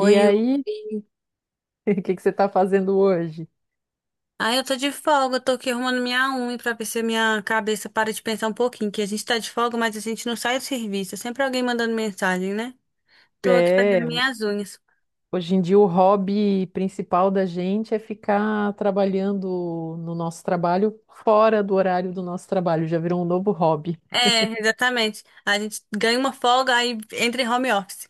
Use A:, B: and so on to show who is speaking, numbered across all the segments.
A: Oi, oi.
B: aí, o que que você está fazendo hoje?
A: Ah, eu tô de folga, eu tô aqui arrumando minha unha pra ver se minha cabeça para de pensar um pouquinho, que a gente tá de folga, mas a gente não sai do serviço. É sempre alguém mandando mensagem, né? Tô aqui
B: É,
A: fazendo minhas unhas.
B: hoje em dia o hobby principal da gente é ficar trabalhando no nosso trabalho fora do horário do nosso trabalho, já virou um novo hobby.
A: É, exatamente. A gente ganha uma folga, aí entra em home office.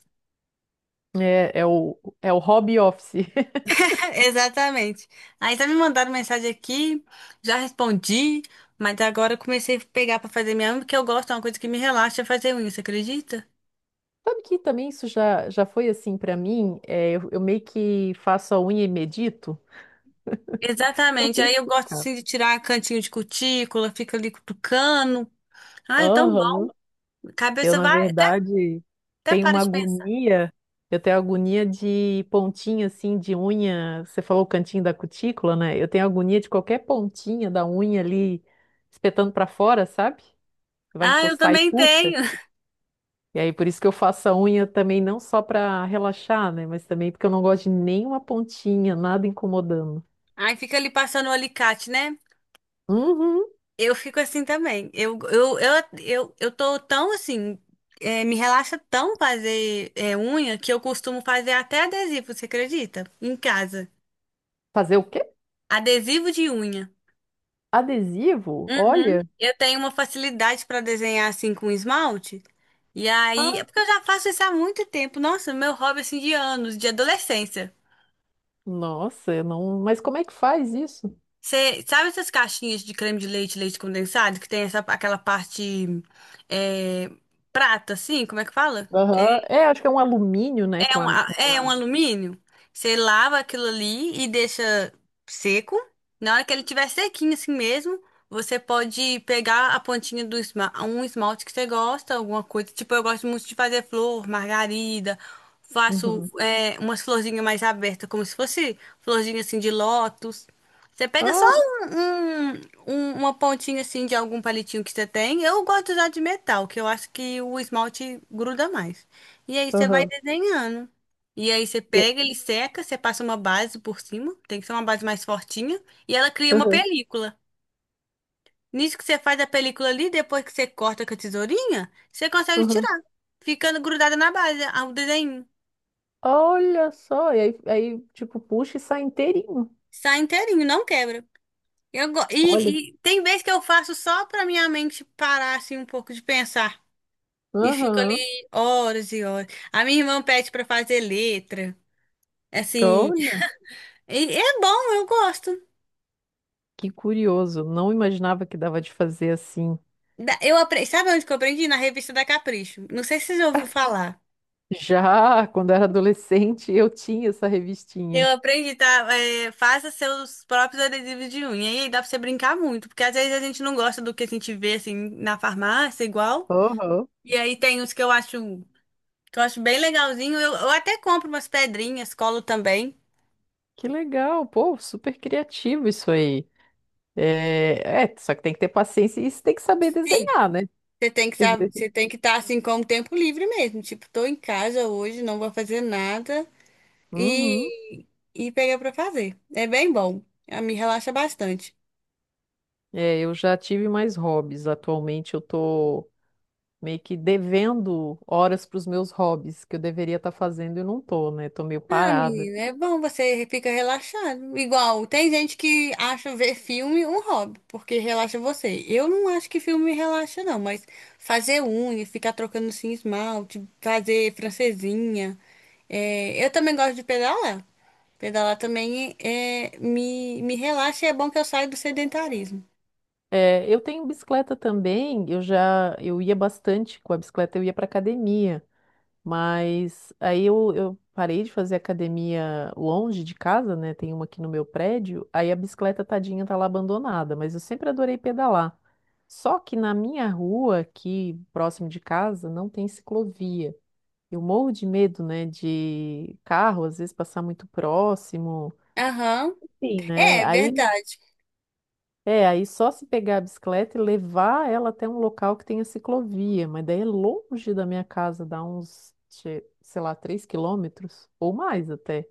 B: É o hobby office.
A: Exatamente. Aí tá me mandando mensagem aqui, já respondi, mas agora eu comecei a pegar pra fazer minha unha, porque eu gosto, é uma coisa que me relaxa é fazer unha, você acredita?
B: Sabe que também isso já foi assim para mim? Eu meio que faço a unha e medito. Não
A: Exatamente.
B: sei
A: Aí eu gosto
B: explicar.
A: assim de tirar cantinho de cutícula, fica ali cutucando. Ah, é tão bom.
B: Aham. Eu,
A: Cabeça
B: na
A: vai, até,
B: verdade,
A: até
B: tenho
A: para
B: uma
A: de pensar.
B: agonia. Eu tenho agonia de pontinha assim de unha. Você falou o cantinho da cutícula, né? Eu tenho agonia de qualquer pontinha da unha ali espetando pra fora, sabe? Vai
A: Ah, eu
B: encostar e
A: também
B: puxa.
A: tenho.
B: E aí, por isso que eu faço a unha também não só pra relaxar, né? Mas também porque eu não gosto de nenhuma pontinha, nada incomodando.
A: Aí fica ali passando o alicate, né?
B: Uhum.
A: Eu fico assim também. Eu tô tão assim, me relaxa tão fazer unha que eu costumo fazer até adesivo, você acredita? Em casa.
B: Fazer o quê?
A: Adesivo de unha.
B: Adesivo?
A: Uhum.
B: Olha.
A: Eu tenho uma facilidade para desenhar assim com esmalte. E
B: Ah,
A: aí, é porque eu já faço isso há muito tempo. Nossa, meu hobby assim de anos, de adolescência.
B: nossa, eu não. Mas como é que faz isso?
A: Você sabe essas caixinhas de creme de leite, leite condensado, que tem essa, aquela parte é, prata, assim? Como é que fala?
B: Aham. É, acho que é um alumínio, né?
A: É
B: Com
A: um,
B: uma,
A: é um
B: uma-
A: alumínio. Você lava aquilo ali e deixa seco. Na hora que ele tiver sequinho assim mesmo, você pode pegar a pontinha do um esmalte que você gosta, alguma coisa. Tipo, eu gosto muito de fazer flor, margarida. Faço
B: Uhum.
A: umas florzinhas mais abertas, como se fosse florzinha assim de lótus. Você pega só
B: Ah,
A: um, um- uma pontinha assim de algum palitinho que você tem. Eu gosto de usar de metal, que eu acho que o esmalte gruda mais. E aí você vai
B: aham.
A: desenhando. E aí você
B: E-
A: pega, ele seca, você passa uma base por cima, tem que ser uma base mais fortinha, e ela cria uma
B: aham,
A: película. Nisso que você faz a película ali, depois que você corta com a tesourinha, você consegue
B: aham.
A: tirar, ficando grudada na base, o desenho.
B: Olha só, e aí, tipo, puxa e sai inteirinho.
A: Sai inteirinho, não quebra.
B: Olha.
A: E, e tem vezes que eu faço só pra minha mente parar assim um pouco de pensar. E fico ali
B: Aham.
A: horas e horas. A minha irmã pede pra fazer letra. Assim,
B: Olha,
A: e é bom, eu gosto.
B: que curioso. Não imaginava que dava de fazer assim.
A: Eu aprendi, sabe onde que eu aprendi? Na revista da Capricho. Não sei se você já ouviu falar.
B: Já quando era adolescente, eu tinha essa
A: Eu
B: revistinha.
A: aprendi, tá? É, faça seus próprios adesivos de unha. E aí dá pra você brincar muito, porque às vezes a gente não gosta do que a gente vê assim na farmácia, igual.
B: Aham.
A: E aí tem os que eu acho bem legalzinho. Eu até compro umas pedrinhas, colo também.
B: Que legal, pô, super criativo isso aí. É, é, só que tem que ter paciência e você tem que saber
A: Sim.
B: desenhar, né?
A: Você tem que estar assim com o tempo livre mesmo. Tipo, tô em casa hoje, não vou fazer nada. E,
B: Uhum.
A: e pegar pra fazer. É bem bom. Ah, me relaxa bastante.
B: É, eu já tive mais hobbies. Atualmente eu tô meio que devendo horas para os meus hobbies que eu deveria estar fazendo e não tô, né? Tô meio
A: Ah,
B: parada.
A: menina, é bom, você fica relaxado. Igual, tem gente que acha ver filme um hobby, porque relaxa você. Eu não acho que filme relaxa, não, mas fazer unha, ficar trocando assim, esmalte, fazer francesinha. Eu também gosto de pedalar. Pedalar também me relaxa e é bom que eu saio do sedentarismo.
B: É, eu tenho bicicleta também. Eu ia bastante com a bicicleta, eu ia para academia. Mas aí eu parei de fazer academia longe de casa, né? Tem uma aqui no meu prédio. Aí a bicicleta tadinha tá lá abandonada, mas eu sempre adorei pedalar. Só que na minha rua, aqui próximo de casa, não tem ciclovia. Eu morro de medo, né, de carro às vezes passar muito próximo,
A: Aham,
B: enfim, né?
A: é é
B: Aí
A: verdade.
B: é, aí só se pegar a bicicleta e levar ela até um local que tenha ciclovia, mas daí é longe da minha casa, dá uns, che- sei lá, 3 km ou mais até.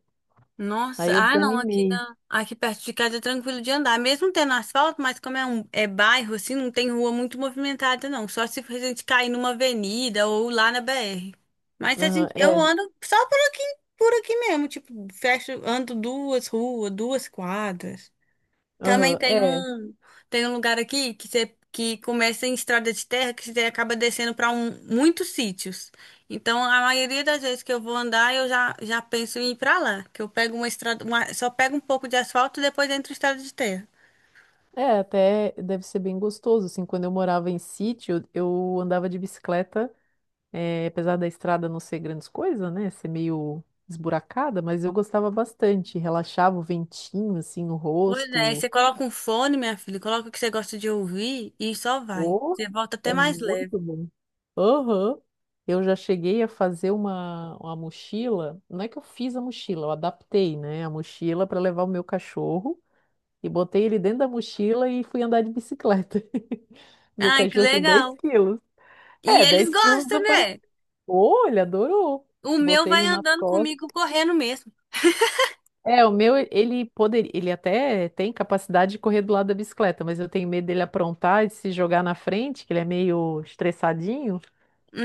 B: Aí
A: Nossa,
B: eu
A: ah não,
B: desanimei.
A: aqui perto de casa é tranquilo de andar, mesmo tendo asfalto, mas como é um bairro assim, não tem rua muito movimentada não, só se a gente cair numa avenida ou lá na BR. Mas a
B: Aham,
A: gente eu
B: é,
A: ando só por aqui mesmo, tipo, fecho, ando duas ruas, duas quadras. Também
B: aham, é,
A: tem um lugar aqui que você que começa em estrada de terra que você acaba descendo para muitos sítios. Então, a maioria das vezes que eu vou andar, já penso em ir para lá, que eu pego uma estrada, só pego um pouco de asfalto e depois entro em estrada de terra.
B: é, até deve ser bem gostoso, assim, quando eu morava em sítio, eu andava de bicicleta, é, apesar da estrada não ser grandes coisas, né, ser meio esburacada, mas eu gostava bastante, relaxava o ventinho, assim, no
A: Pois é, aí
B: rosto.
A: você coloca um fone, minha filha, coloca o que você gosta de ouvir e só vai.
B: Oh,
A: Você volta até
B: é
A: mais leve.
B: muito bom. Aham. Eu já cheguei a fazer uma mochila. Não é que eu fiz a mochila, eu adaptei, né, a mochila para levar o meu cachorro e botei ele dentro da mochila e fui andar de bicicleta. Meu
A: Ai, que
B: cachorro tem
A: legal.
B: 10 kg.
A: E
B: É,
A: eles
B: 10 quilos
A: gostam,
B: não parece.
A: né?
B: Oh, ele adorou.
A: O meu
B: Botei ele
A: vai
B: nas
A: andando
B: costas.
A: comigo correndo mesmo.
B: É, o meu, ele poderia, ele até tem capacidade de correr do lado da bicicleta, mas eu tenho medo dele aprontar e se jogar na frente, que ele é meio estressadinho.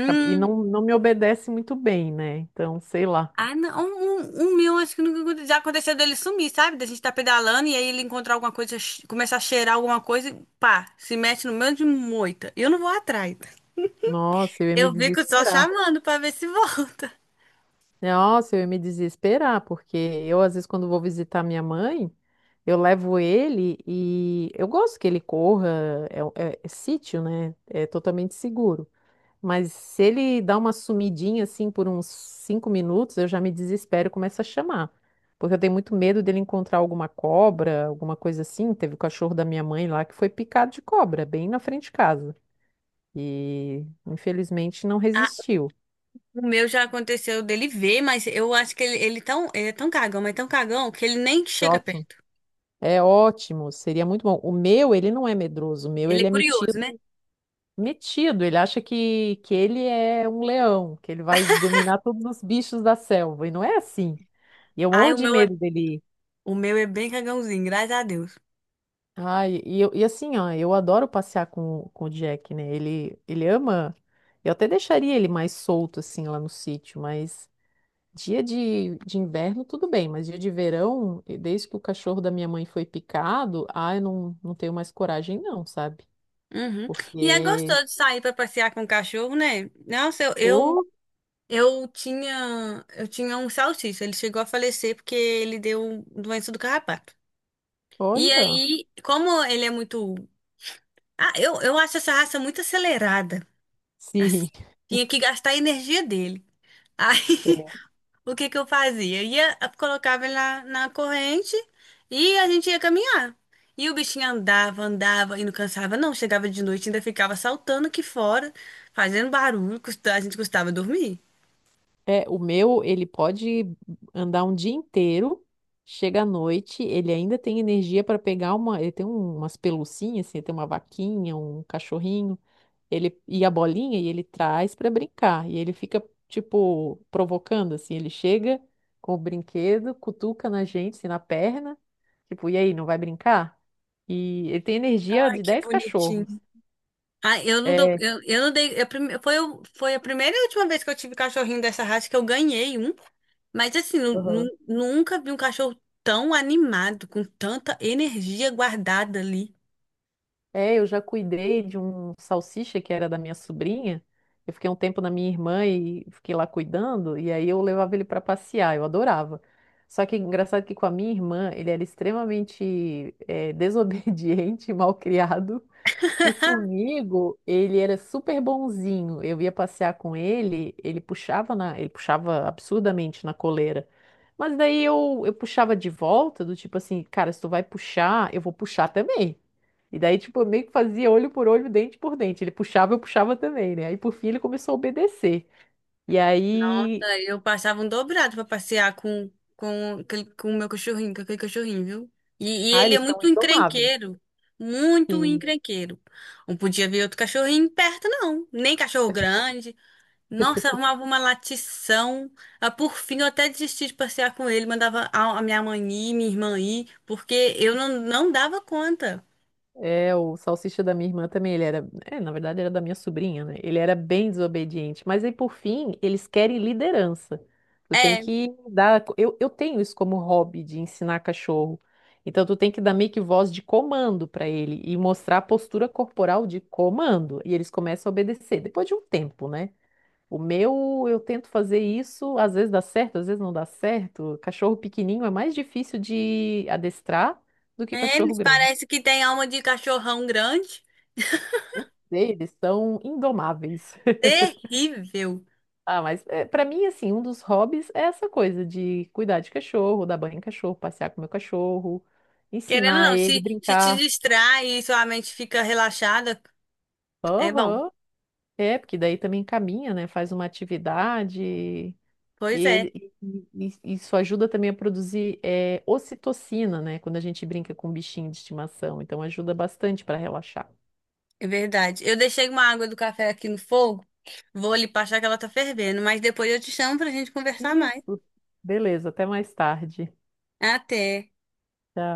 B: Acab- E não me obedece muito bem, né? Então, sei lá.
A: Ah, não, o meu acho que nunca aconte- já aconteceu dele sumir, sabe? Da gente tá pedalando e aí ele encontrar alguma coisa, começar a cheirar alguma coisa e pá, se mete no meio de moita. Eu não vou atrás.
B: Nossa, eu ia me
A: Eu fico só
B: desesperar.
A: chamando pra ver se volta.
B: Nossa, eu ia me desesperar, porque eu, às vezes, quando vou visitar minha mãe, eu levo ele e eu gosto que ele corra, é sítio, né? É totalmente seguro. Mas se ele dá uma sumidinha assim por uns 5 minutos, eu já me desespero e começo a chamar. Porque eu tenho muito medo dele encontrar alguma cobra, alguma coisa assim. Teve o cachorro da minha mãe lá que foi picado de cobra, bem na frente de casa. E infelizmente não
A: Ah,
B: resistiu.
A: o meu já aconteceu dele ver, mas eu acho que ele é tão cagão, mas tão cagão que ele nem
B: Que
A: chega
B: ótimo.
A: perto.
B: É ótimo, seria muito bom. O meu, ele não é medroso, o meu,
A: Ele
B: ele
A: é
B: é
A: curioso, né?
B: metido, ele acha que ele é um leão, que ele vai dominar todos os bichos da selva, e não é assim. E eu
A: Ai,
B: morro
A: o
B: de
A: meu é,
B: medo dele.
A: O meu é bem cagãozinho, graças a Deus.
B: E assim, ó, eu adoro passear com o Jack, né? Ele ama. Eu até deixaria ele mais solto, assim, lá no sítio, mas dia de inverno, tudo bem, mas dia de verão, e desde que o cachorro da minha mãe foi picado, ah, eu não tenho mais coragem, não, sabe?
A: Uhum. E é
B: Porque,
A: gostoso de sair pra passear com o cachorro, né? Nossa,
B: oh,
A: Eu tinha um salsicha, ele chegou a falecer porque ele deu doença do carrapato. E
B: olha,
A: aí, como ele é muito. Ah, eu acho essa raça muito acelerada. Assim,
B: sim.
A: tinha que gastar a energia dele.
B: É,
A: Aí, o que que eu fazia? Ia, colocava ele na corrente e a gente ia caminhar. E o bichinho andava, andava e não cansava, não. Chegava de noite, ainda ficava saltando aqui fora, fazendo barulho, a gente custava dormir.
B: o meu, ele pode andar um dia inteiro, chega à noite, ele ainda tem energia para pegar uma. Ele tem um- umas pelucinhas, assim, ele tem uma vaquinha, um cachorrinho. Ele e a bolinha e ele traz pra brincar. E ele fica, tipo, provocando, assim. Ele chega com o brinquedo, cutuca na gente, assim, na perna. Tipo, e aí, não vai brincar? E ele tem energia
A: Ai,
B: de
A: que
B: 10
A: bonitinho.
B: cachorros.
A: Ah,
B: É,
A: eu não dei, eu prime- foi, o- foi a primeira e última vez que eu tive cachorrinho dessa raça que eu ganhei um, mas assim,
B: aham.
A: nunca vi um cachorro tão animado, com tanta energia guardada ali.
B: Eu já cuidei de um salsicha que era da minha sobrinha. Eu fiquei um tempo na minha irmã e fiquei lá cuidando, e aí eu levava ele para passear, eu adorava. Só que engraçado que com a minha irmã, ele era extremamente desobediente, mal criado. E comigo, ele era super bonzinho. Eu ia passear com ele, ele puxava absurdamente na coleira. Mas daí eu puxava de volta, do tipo assim, cara, se tu vai puxar, eu vou puxar também. E daí, tipo, eu meio que fazia olho por olho, dente por dente. Ele puxava, eu puxava também, né? Aí, por fim, ele começou a obedecer. E aí,
A: Aí eu passava um dobrado pra passear com o meu cachorrinho, com aquele cachorrinho, viu? E
B: ah,
A: ele é
B: eles são
A: muito
B: indomáveis.
A: encrenqueiro, muito
B: Sim.
A: encrenqueiro. Não podia ver outro cachorrinho perto, não. Nem cachorro grande, nossa, arrumava uma latição. Ah, por fim, eu até desisti de passear com ele. Mandava a minha mãe ir, minha irmã ir, porque eu não, não dava conta.
B: O salsicha da minha irmã também, ele na verdade era da minha sobrinha, né? Ele era bem desobediente, mas aí por fim, eles querem liderança. Tu tem
A: É,
B: que dar, eu tenho isso como hobby de ensinar cachorro. Então tu tem que dar meio que voz de comando para ele e mostrar a postura corporal de comando, e eles começam a obedecer depois de um tempo, né? O meu, eu tento fazer isso, às vezes dá certo, às vezes não dá certo. Cachorro pequenininho é mais difícil de adestrar do que cachorro
A: Eles
B: grande.
A: parecem que têm alma de cachorrão grande.
B: Não sei, eles são indomáveis.
A: Terrível.
B: Ah, mas é, para mim, assim, um dos hobbies é essa coisa de cuidar de cachorro, dar banho em cachorro, passear com meu cachorro,
A: Querendo ou
B: ensinar
A: não,
B: ele a
A: se te
B: brincar.
A: distrai e sua mente fica relaxada, é bom.
B: Aham. É, porque daí também caminha, né? Faz uma atividade e,
A: Pois é,
B: ele, e isso ajuda também a produzir ocitocina, né? Quando a gente brinca com um bichinho de estimação. Então ajuda bastante para relaxar.
A: é verdade. Eu deixei uma água do café aqui no fogo. Vou ali passar que ela tá fervendo, mas depois eu te chamo pra gente conversar mais.
B: Isso. Beleza, até mais tarde.
A: Até.
B: Tchau.